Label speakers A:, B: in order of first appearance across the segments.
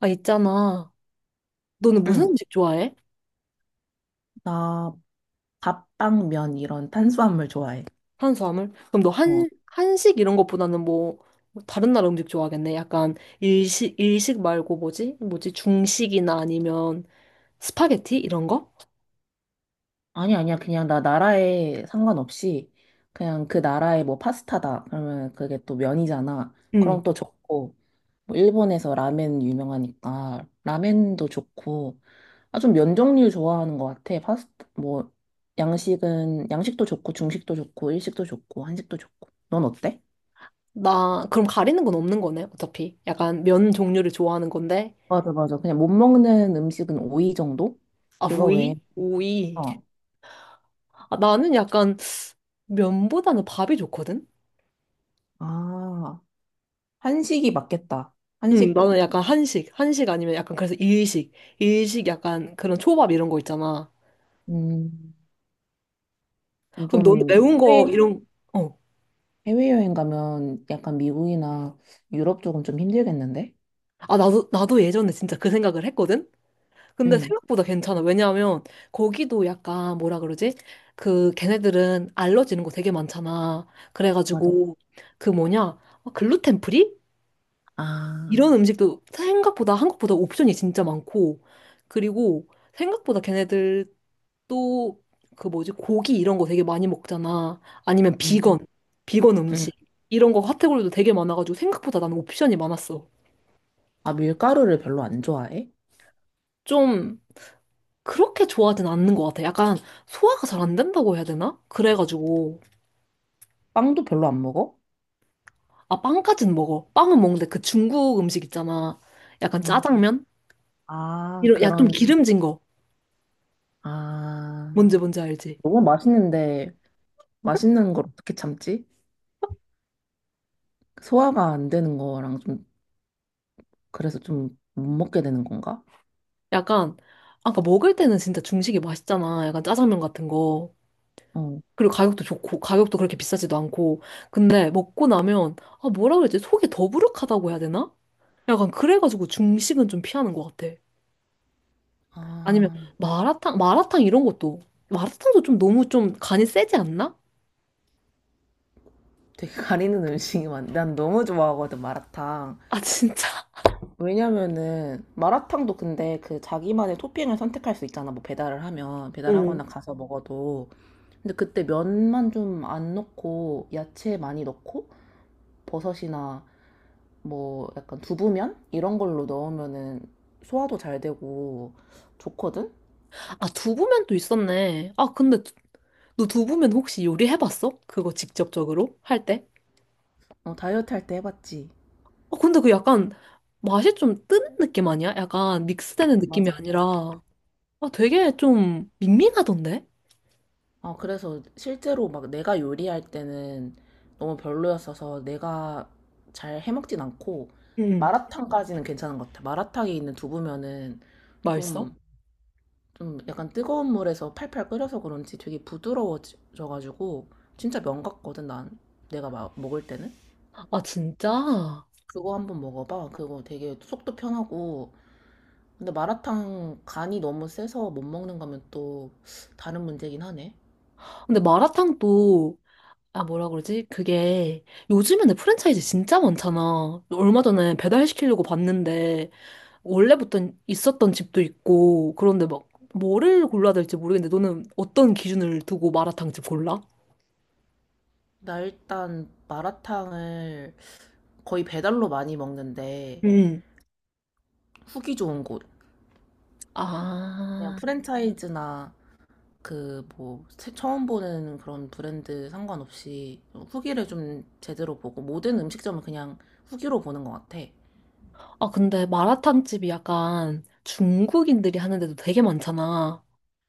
A: 아, 있잖아. 너는 무슨
B: 응,
A: 음식 좋아해?
B: 나 밥빵, 면 이런 탄수화물 좋아해.
A: 한수화물? 그럼 너
B: 어,
A: 한식 이런 것보다는 뭐, 뭐 다른 나라 음식 좋아하겠네. 약간 일식 말고 뭐지? 뭐지? 중식이나 아니면 스파게티? 이런 거?
B: 아니, 아니야. 그냥 나 나라에 상관없이 그냥 그 나라의 뭐 파스타다. 그러면 그게 또 면이잖아.
A: 응.
B: 그럼 또 좋고. 뭐 일본에서 라멘 유명하니까 라멘도 좋고. 아, 좀 면 종류 좋아하는 것 같아. 파스타, 뭐, 양식은, 양식도 좋고, 중식도 좋고, 일식도 좋고, 한식도 좋고. 넌 어때?
A: 나, 그럼 가리는 건 없는 거네, 어차피. 약간 면 종류를 좋아하는 건데.
B: 맞아, 맞아. 그냥 못 먹는 음식은 오이 정도?
A: 아,
B: 그거
A: 오이?
B: 외에,
A: 오이.
B: 어.
A: 아, 나는 약간 면보다는 밥이 좋거든?
B: 아, 한식이 맞겠다.
A: 응,
B: 한식,
A: 나는 약간 한식. 한식 아니면 약간 그래서 일식. 일식 약간 그런 초밥 이런 거 있잖아.
B: 음,
A: 그럼 너는
B: 좀,
A: 매운
B: 해외,
A: 거 이런, 어.
B: 해외여행 가면 약간 미국이나 유럽 쪽은 좀 힘들겠는데?
A: 아, 나도 예전에 진짜 그 생각을 했거든. 근데
B: 응,
A: 생각보다 괜찮아. 왜냐하면 거기도 약간 뭐라 그러지? 그 걔네들은 알러지는 거 되게 많잖아.
B: 맞아.
A: 그래가지고 그 뭐냐, 글루텐 프리
B: 아,
A: 이런 음식도 생각보다 한국보다 옵션이 진짜 많고. 그리고 생각보다 걔네들 또 그 뭐지, 고기 이런 거 되게 많이 먹잖아. 아니면
B: 응,
A: 비건, 비건
B: 응.
A: 음식 이런 거 카테고리도 되게 많아가지고 생각보다 나는 옵션이 많았어.
B: 아, 밀가루를 별로 안 좋아해?
A: 좀 그렇게 좋아하진 않는 것 같아. 약간 소화가 잘 안 된다고 해야 되나? 그래가지고.
B: 빵도 별로 안 먹어?
A: 아, 빵까진 먹어. 빵은 먹는데 그 중국 음식 있잖아. 약간
B: 응.
A: 짜장면?
B: 아,
A: 이런 야좀
B: 그런,
A: 기름진 거.
B: 아,
A: 뭔지 알지?
B: 너무 맛있는데, 맛있는 걸 어떻게 참지? 소화가 안 되는 거랑 좀, 그래서 좀 못 먹게 되는 건가?
A: 약간, 아까 먹을 때는 진짜 중식이 맛있잖아. 약간 짜장면 같은 거.
B: 어.
A: 그리고 가격도 좋고, 가격도 그렇게 비싸지도 않고. 근데 먹고 나면 아, 뭐라 그러지? 속이 더부룩하다고 해야 되나? 약간 그래가지고 중식은 좀 피하는 것 같아. 아니면
B: 아,
A: 마라탕 이런 것도. 마라탕도 좀 너무 좀 간이 세지 않나?
B: 되게 가리는 음식이 많네. 난 너무 좋아하거든, 마라탕.
A: 아, 진짜?
B: 왜냐면은 마라탕도 근데 그 자기만의 토핑을 선택할 수 있잖아. 뭐 배달을 하면
A: 응.
B: 배달하거나 가서 먹어도. 근데 그때 면만 좀 안 넣고 야채 많이 넣고 버섯이나 뭐 약간 두부면 이런 걸로 넣으면은 소화도 잘 되고 좋거든.
A: 아, 두부면 또 있었네. 아 근데 너 두부면 혹시 요리해봤어? 그거 직접적으로 할 때?
B: 어, 다이어트 할 때 해봤지.
A: 아 근데 그 약간 맛이 좀 뜨는 느낌 아니야? 약간 믹스되는 느낌이
B: 맞아.
A: 아니라. 아, 되게 좀 밍밍하던데?
B: 아, 그래서 실제로 막 내가 요리할 때는 너무 별로였어서 내가 잘 해먹진 않고
A: 응.
B: 마라탕까지는 괜찮은 것 같아. 마라탕에 있는 두부면은
A: 맛있어?
B: 좀, 좀 약간 뜨거운 물에서 팔팔 끓여서 그런지 되게 부드러워져가지고 진짜 면 같거든, 난. 내가 먹을 때는.
A: 아, 진짜?
B: 그거 한번 먹어봐. 그거 되게 속도 편하고. 근데 마라탕 간이 너무 세서 못 먹는 거면 또 다른 문제긴 하네.
A: 근데 마라탕도 아, 뭐라 그러지? 그게 요즘에는 프랜차이즈 진짜 많잖아. 얼마 전에 배달시키려고 봤는데 원래부터 있었던 집도 있고 그런데 막 뭐를 골라야 될지 모르겠는데, 너는 어떤 기준을 두고 마라탕집 골라?
B: 나 일단 마라탕을 거의 배달로 많이 먹는데
A: 음.
B: 후기 좋은 곳. 그냥
A: 아,
B: 프랜차이즈나 그 뭐 처음 보는 그런 브랜드 상관없이 후기를 좀 제대로 보고 모든 음식점은 그냥 후기로 보는 것 같아.
A: 아, 근데 마라탕집이 약간 중국인들이 하는데도 되게 많잖아.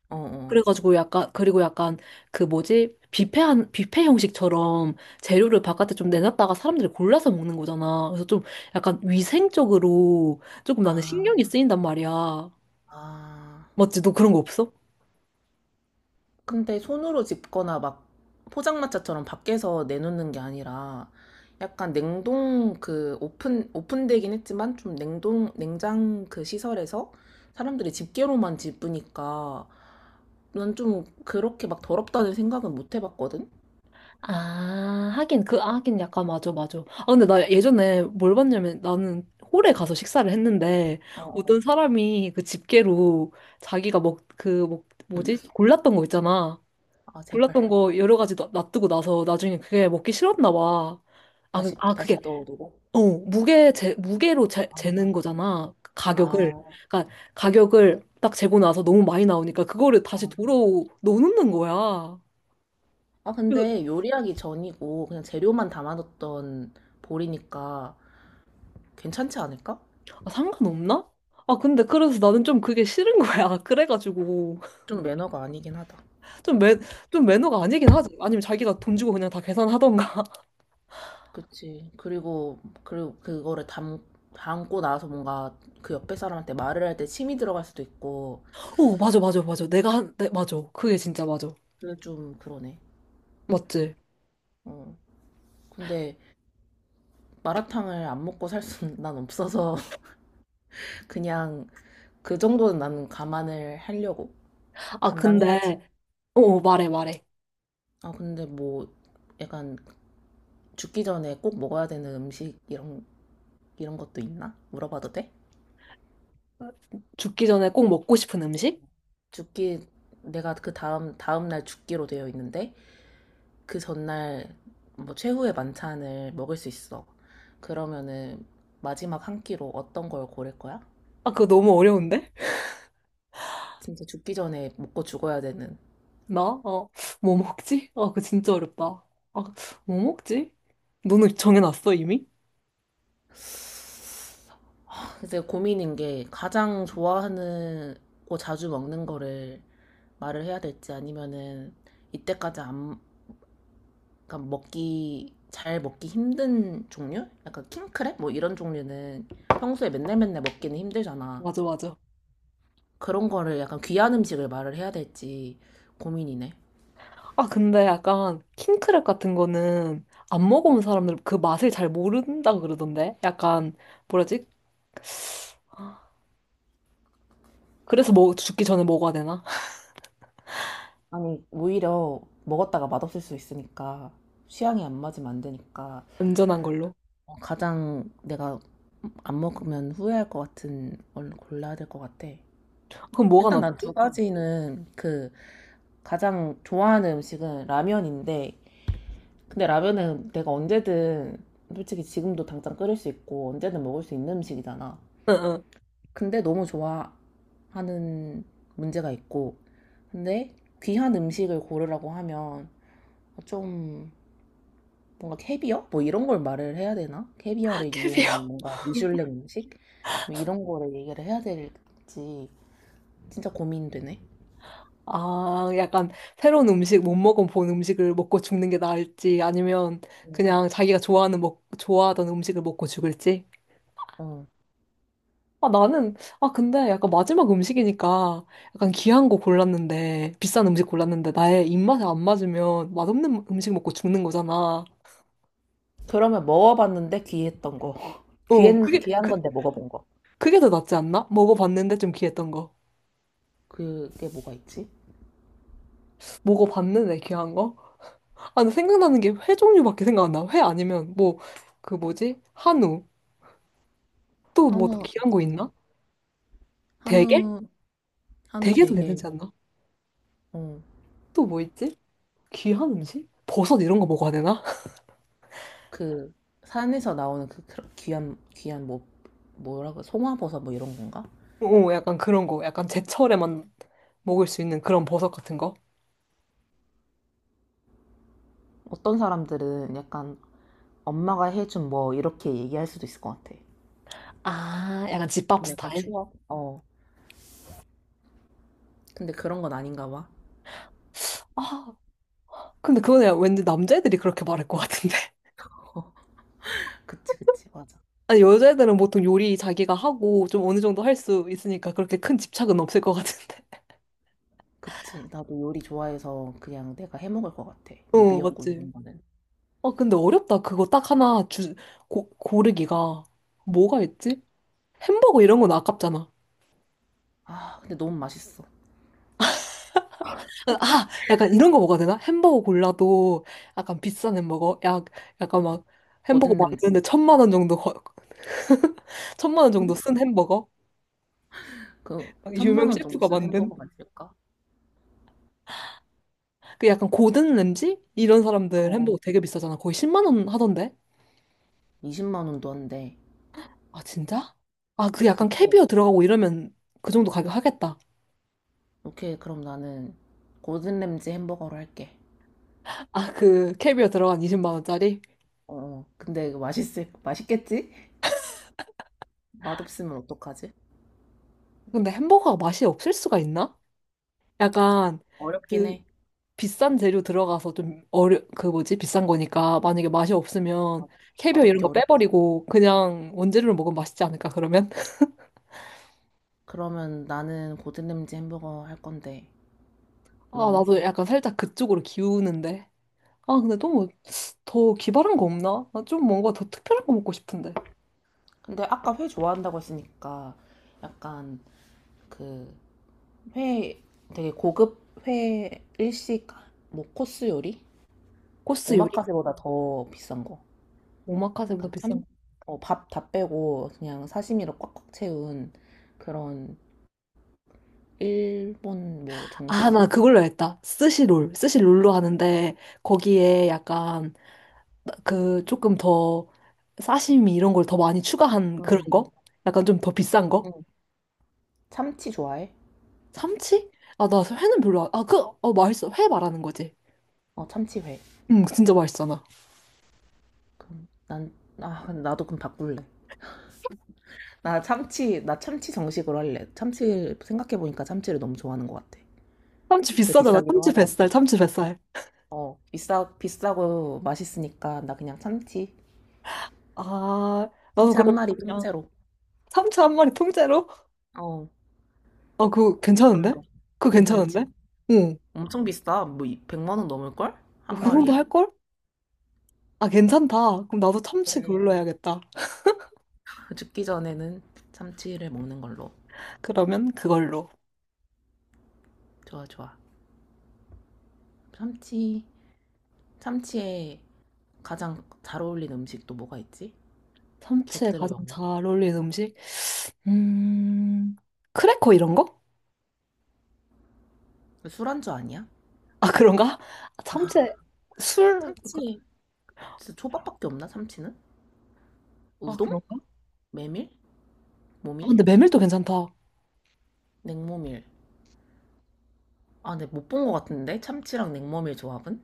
B: 어, 어.
A: 그래가지고 약간, 그리고 약간 그 뭐지? 뷔페 형식처럼 재료를 바깥에 좀 내놨다가 사람들이 골라서 먹는 거잖아. 그래서 좀 약간 위생적으로 조금 나는
B: 아,
A: 신경이 쓰인단 말이야.
B: 아.
A: 맞지? 너 그런 거 없어?
B: 근데 손으로 집거나 막 포장마차처럼 밖에서 내놓는 게 아니라 약간 냉동 그 오픈되긴 했지만 좀 냉동 냉장 그 시설에서 사람들이 집게로만 집으니까 난 좀 그렇게 막 더럽다는 생각은 못 해봤거든?
A: 아, 하긴, 그, 아, 하긴 약간 맞아, 맞아. 아, 근데 나 예전에 뭘 봤냐면 나는 홀에 가서 식사를 했는데
B: 어, 어.
A: 어떤 사람이 그 집게로 자기가
B: 음.
A: 뭐지? 골랐던 거 있잖아.
B: 아, 제발.
A: 골랐던 거 여러 가지 놔두고 나서 나중에 그게 먹기 싫었나 봐.
B: 다시,
A: 아, 그게
B: 다시 떠오르고.
A: 어, 재는 거잖아, 가격을.
B: 아,
A: 그러니까 가격을 딱 재고 나서 너무 많이 나오니까 그거를 다시
B: 아.
A: 도로 넣는 거야.
B: 아,
A: 그래서
B: 근데 요리하기 전이고 그냥 재료만 담아뒀던 볼이니까 괜찮지 않을까?
A: 아, 상관없나? 아 근데 그래서 나는 좀 그게 싫은 거야. 그래가지고
B: 좀 매너가 아니긴 하다.
A: 좀 매, 좀 매너가 아니긴 하지. 아니면 자기가 돈 주고 그냥 다 계산하던가.
B: 그치. 그리고 그거를 담고 나서 뭔가 그 옆에 사람한테 말을 할 때 침이 들어갈 수도 있고,
A: 오, 맞아, 맞아, 맞아. 맞아. 그게 진짜 맞아.
B: 그게 좀 그러네.
A: 맞지?
B: 어. 근데 마라탕을 안 먹고 살 수는 난 없어서 그냥 그 정도는 나는 감안을 하려고.
A: 아
B: 감당해야지.
A: 근데 어, 말해 말해.
B: 아, 근데 뭐 약간 죽기 전에 꼭 먹어야 되는 음식 이런 것도 있나? 물어봐도 돼?
A: 죽기 전에 꼭 먹고 싶은 음식?
B: 죽기 내가 그 다음 다음 날 죽기로 되어 있는데 그 전날 뭐 최후의 만찬을 먹을 수 있어. 그러면은 마지막 한 끼로 어떤 걸 고를 거야?
A: 아, 그거 너무 어려운데?
B: 진짜 죽기 전에 먹고 죽어야 되는.
A: 나? 어, 뭐 먹지? 아, 그거 진짜 어렵다. 아, 뭐 먹지? 너는 정해놨어, 이미?
B: 그래서 고민인 게 가장 좋아하는 거 자주 먹는 거를 말을 해야 될지 아니면은 이때까지 안, 그러니까 먹기 잘 먹기 힘든 종류? 약간 킹크랩 뭐 이런 종류는 평소에 맨날 맨날 먹기는 힘들잖아.
A: 맞아, 맞아.
B: 그런 거를 약간 귀한 음식을 말을 해야 될지 고민이네.
A: 아, 근데 약간 킹크랩 같은 거는 안 먹어본 사람들 그 맛을 잘 모른다고 그러던데? 약간, 뭐라지? 그래서 뭐 죽기 전에 먹어야 되나?
B: 아니, 오히려 먹었다가 맛없을 수 있으니까 취향이 안 맞으면 안 되니까
A: 안전한 걸로.
B: 어, 가장 내가 안 먹으면 후회할 것 같은 걸 골라야 될 것 같아.
A: 그럼 뭐가
B: 일단 난 두
A: 낫지?
B: 가지는 그 가장 좋아하는 음식은 라면인데 근데 라면은 내가 언제든 솔직히 지금도 당장 끓일 수 있고 언제든 먹을 수 있는 음식이잖아.
A: 응, 응.
B: 근데 너무 좋아하는 문제가 있고 근데 귀한 음식을 고르라고 하면 좀 뭔가 캐비어? 뭐 이런 걸 말을 해야 되나? 캐비어를 이용한
A: 캐비어.
B: 뭔가 미슐랭 음식? 뭐 이런 거를 얘기를 해야 될지 진짜 고민되네.
A: 아, 약간 새로운 음식, 못 먹어본 음식을 먹고 죽는 게 나을지, 아니면 그냥 자기가 좋아하던 음식을 먹고 죽을지?
B: 어.
A: 아, 나는, 아, 근데 약간 마지막 음식이니까 약간 귀한 거 골랐는데, 비싼 음식 골랐는데, 나의 입맛에 안 맞으면 맛없는 음식 먹고 죽는 거잖아.
B: 그러면 먹어봤는데 귀했던 거.
A: 어,
B: 귀한, 귀한 건데 먹어본 거.
A: 그게 더 낫지 않나? 먹어봤는데 좀 귀했던 거.
B: 그게 뭐가 있지?
A: 먹어봤는데 귀한 거? 아, 근데 생각나는 게 회 종류밖에 생각 안 나. 회 아니면 뭐, 그 뭐지? 한우. 또 뭐 더
B: 한우
A: 귀한 거 있나?
B: 괜찮은
A: 대게?
B: 한우, 한우
A: 대게도
B: 되게,
A: 괜찮지 않나?
B: 어,
A: 또 뭐 있지? 귀한 음식? 버섯 이런 거 먹어야 되나?
B: 그, 산에서 나오는 그 귀한, 귀한, 뭐, 뭐라고, 송화버섯 뭐 이런 건가?
A: 오, 약간 그런 거. 약간 제철에만 먹을 수 있는 그런 버섯 같은 거.
B: 어떤 사람들은 약간 엄마가 해준 뭐 이렇게 얘기할 수도 있을 것 같아.
A: 아, 약간 집밥
B: 약간
A: 스타일?
B: 추억. 어, 근데 그런 건 아닌가 봐.
A: 아, 근데 그건 야, 왠지 남자애들이 그렇게 말할 것 같은데.
B: 그치, 그치, 맞아.
A: 아니, 여자애들은 보통 요리 자기가 하고 좀 어느 정도 할 수 있으니까 그렇게 큰 집착은 없을 것 같은데.
B: 그치, 나도 요리 좋아해서 그냥 내가 해 먹을 것 같아. 뭐
A: 어,
B: 미역국 이런
A: 맞지.
B: 거는.
A: 아, 근데 어렵다. 그거 딱 고르기가. 뭐가 있지? 햄버거 이런 건 아깝잖아.
B: 아, 근데 너무 맛있어.
A: 아, 약간 이런 거 먹어야 되나? 햄버거 골라도 약간 비싼 햄버거? 약간 막 햄버거
B: 고든 램지.
A: 만드는데 천만 원 정도 쓴 햄버거?
B: 그, 천만
A: 유명
B: 원 정도
A: 셰프가
B: 쓴
A: 만든?
B: 햄버거가 있을까?
A: 그 약간 고든 램지? 이런
B: 어,
A: 사람들 햄버거
B: 어.
A: 되게 비싸잖아. 거의 10만 원 하던데?
B: 20만 원도 한데,
A: 아, 진짜? 아, 그 약간
B: 그거에
A: 캐비어 들어가고 이러면 그 정도 가격 하겠다.
B: 오케이, 그럼 나는 고든 램지 햄버거로 할게.
A: 아, 그 캐비어 들어간 20만 원짜리?
B: 어, 어. 근데 이거 맛있겠지? 맛없으면 어떡하지?
A: 근데 햄버거가 맛이 없을 수가 있나? 약간
B: 어렵긴
A: 그
B: 해.
A: 비싼 재료 들어가서 좀 어려, 그 뭐지, 비싼 거니까 만약에 맛이 없으면
B: 맞아.
A: 캐비어 이런
B: 맛없기
A: 거
B: 어렵지.
A: 빼버리고 그냥 원재료로 먹으면 맛있지 않을까, 그러면.
B: 그러면 나는 고든 램지 햄버거 할 건데,
A: 아,
B: 너는?
A: 나도 약간 살짝 그쪽으로 기우는데 아, 근데 너무 더 기발한 거 없나? 나 좀 뭔가 더 특별한 거 먹고 싶은데.
B: 근데 아까 회 좋아한다고 했으니까 약간 그 회, 되게 고급 회 일식 뭐 코스 요리?
A: 코스 요리,
B: 오마카세보다 더 비싼 거.
A: 오마카세보다
B: 약간
A: 비싼
B: 참,
A: 거.
B: 밥 다 빼고 그냥 사시미로 꽉꽉 채운 그런 일본 뭐
A: 아,
B: 정식?
A: 나 그걸로 했다. 스시롤. 스시롤로 하는데, 거기에 약간, 그, 조금 더, 사시미 이런 걸 더 많이 추가한 그런
B: 음,
A: 거? 약간 좀 더 비싼 거?
B: 음. 참치 좋아해?
A: 참치? 아, 나 회는 별로 안, 아, 그, 어, 맛있어. 회 말하는 거지.
B: 어, 참치회.
A: 응, 진짜 맛있잖아.
B: 그럼 난, 아, 근데 나도 그럼 바꿀래. 나 참치, 나 참치 정식으로 할래. 참치, 생각해보니까 참치를 너무 좋아하는 것 같아.
A: 참치
B: 그게
A: 비싸잖아.
B: 비싸기도
A: 참치
B: 하고.
A: 뱃살, 참치
B: 어,
A: 뱃살.
B: 어, 비싸고 맛있으니까 나 그냥 참치.
A: 아, 나도
B: 참치 한
A: 그럼
B: 마리
A: 그냥
B: 통째로.
A: 참치 1마리 통째로?
B: 어,
A: 아, 그거 괜찮은데?
B: 어떤데?
A: 그거 괜찮은데?
B: 괜찮지?
A: 응.
B: 엄청 비싸. 뭐, 100만 원 넘을걸?
A: 뭐
B: 한
A: 그 정도
B: 마리에?
A: 할걸? 아, 괜찮다. 그럼 나도 참치
B: 그래.
A: 그걸로 해야겠다.
B: 죽기 전에는 참치를 먹는 걸로.
A: 그러면 그걸로.
B: 좋아, 좋아. 참치. 참치에 가장 잘 어울리는 음식 또 뭐가 있지?
A: 참치에
B: 곁들여
A: 가장
B: 먹는.
A: 잘 어울리는 음식? 음, 크래커 이런 거?
B: 술안주 아니야?
A: 아, 그런가? 참치에 술?
B: 참치. 진짜 초밥밖에 없나? 참치는?
A: 아,
B: 우동?
A: 그런가?
B: 메밀?
A: 아,
B: 모밀?
A: 근데 메밀도 괜찮다.
B: 냉모밀. 아, 근데 못 본 것 같은데? 참치랑 냉모밀 조합은?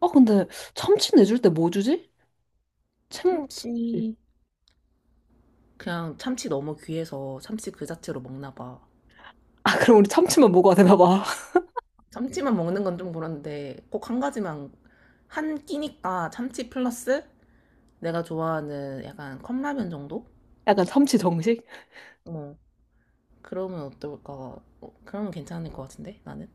A: 아, 근데 참치 내줄 때 뭐 주지? 참, 참치.
B: 참치. 그냥 참치 너무 귀해서 참치 그 자체로 먹나 봐.
A: 아, 그럼 우리 참치만 먹어야 되나 봐.
B: 참치만 먹는 건 좀 그런데 꼭 한 가지만 한 끼니까 참치 플러스 내가 좋아하는 약간 컵라면 정도?
A: 약간 참치 정식?
B: 어, 그러면 어떨까? 어, 그러면 괜찮을 것 같은데 나는.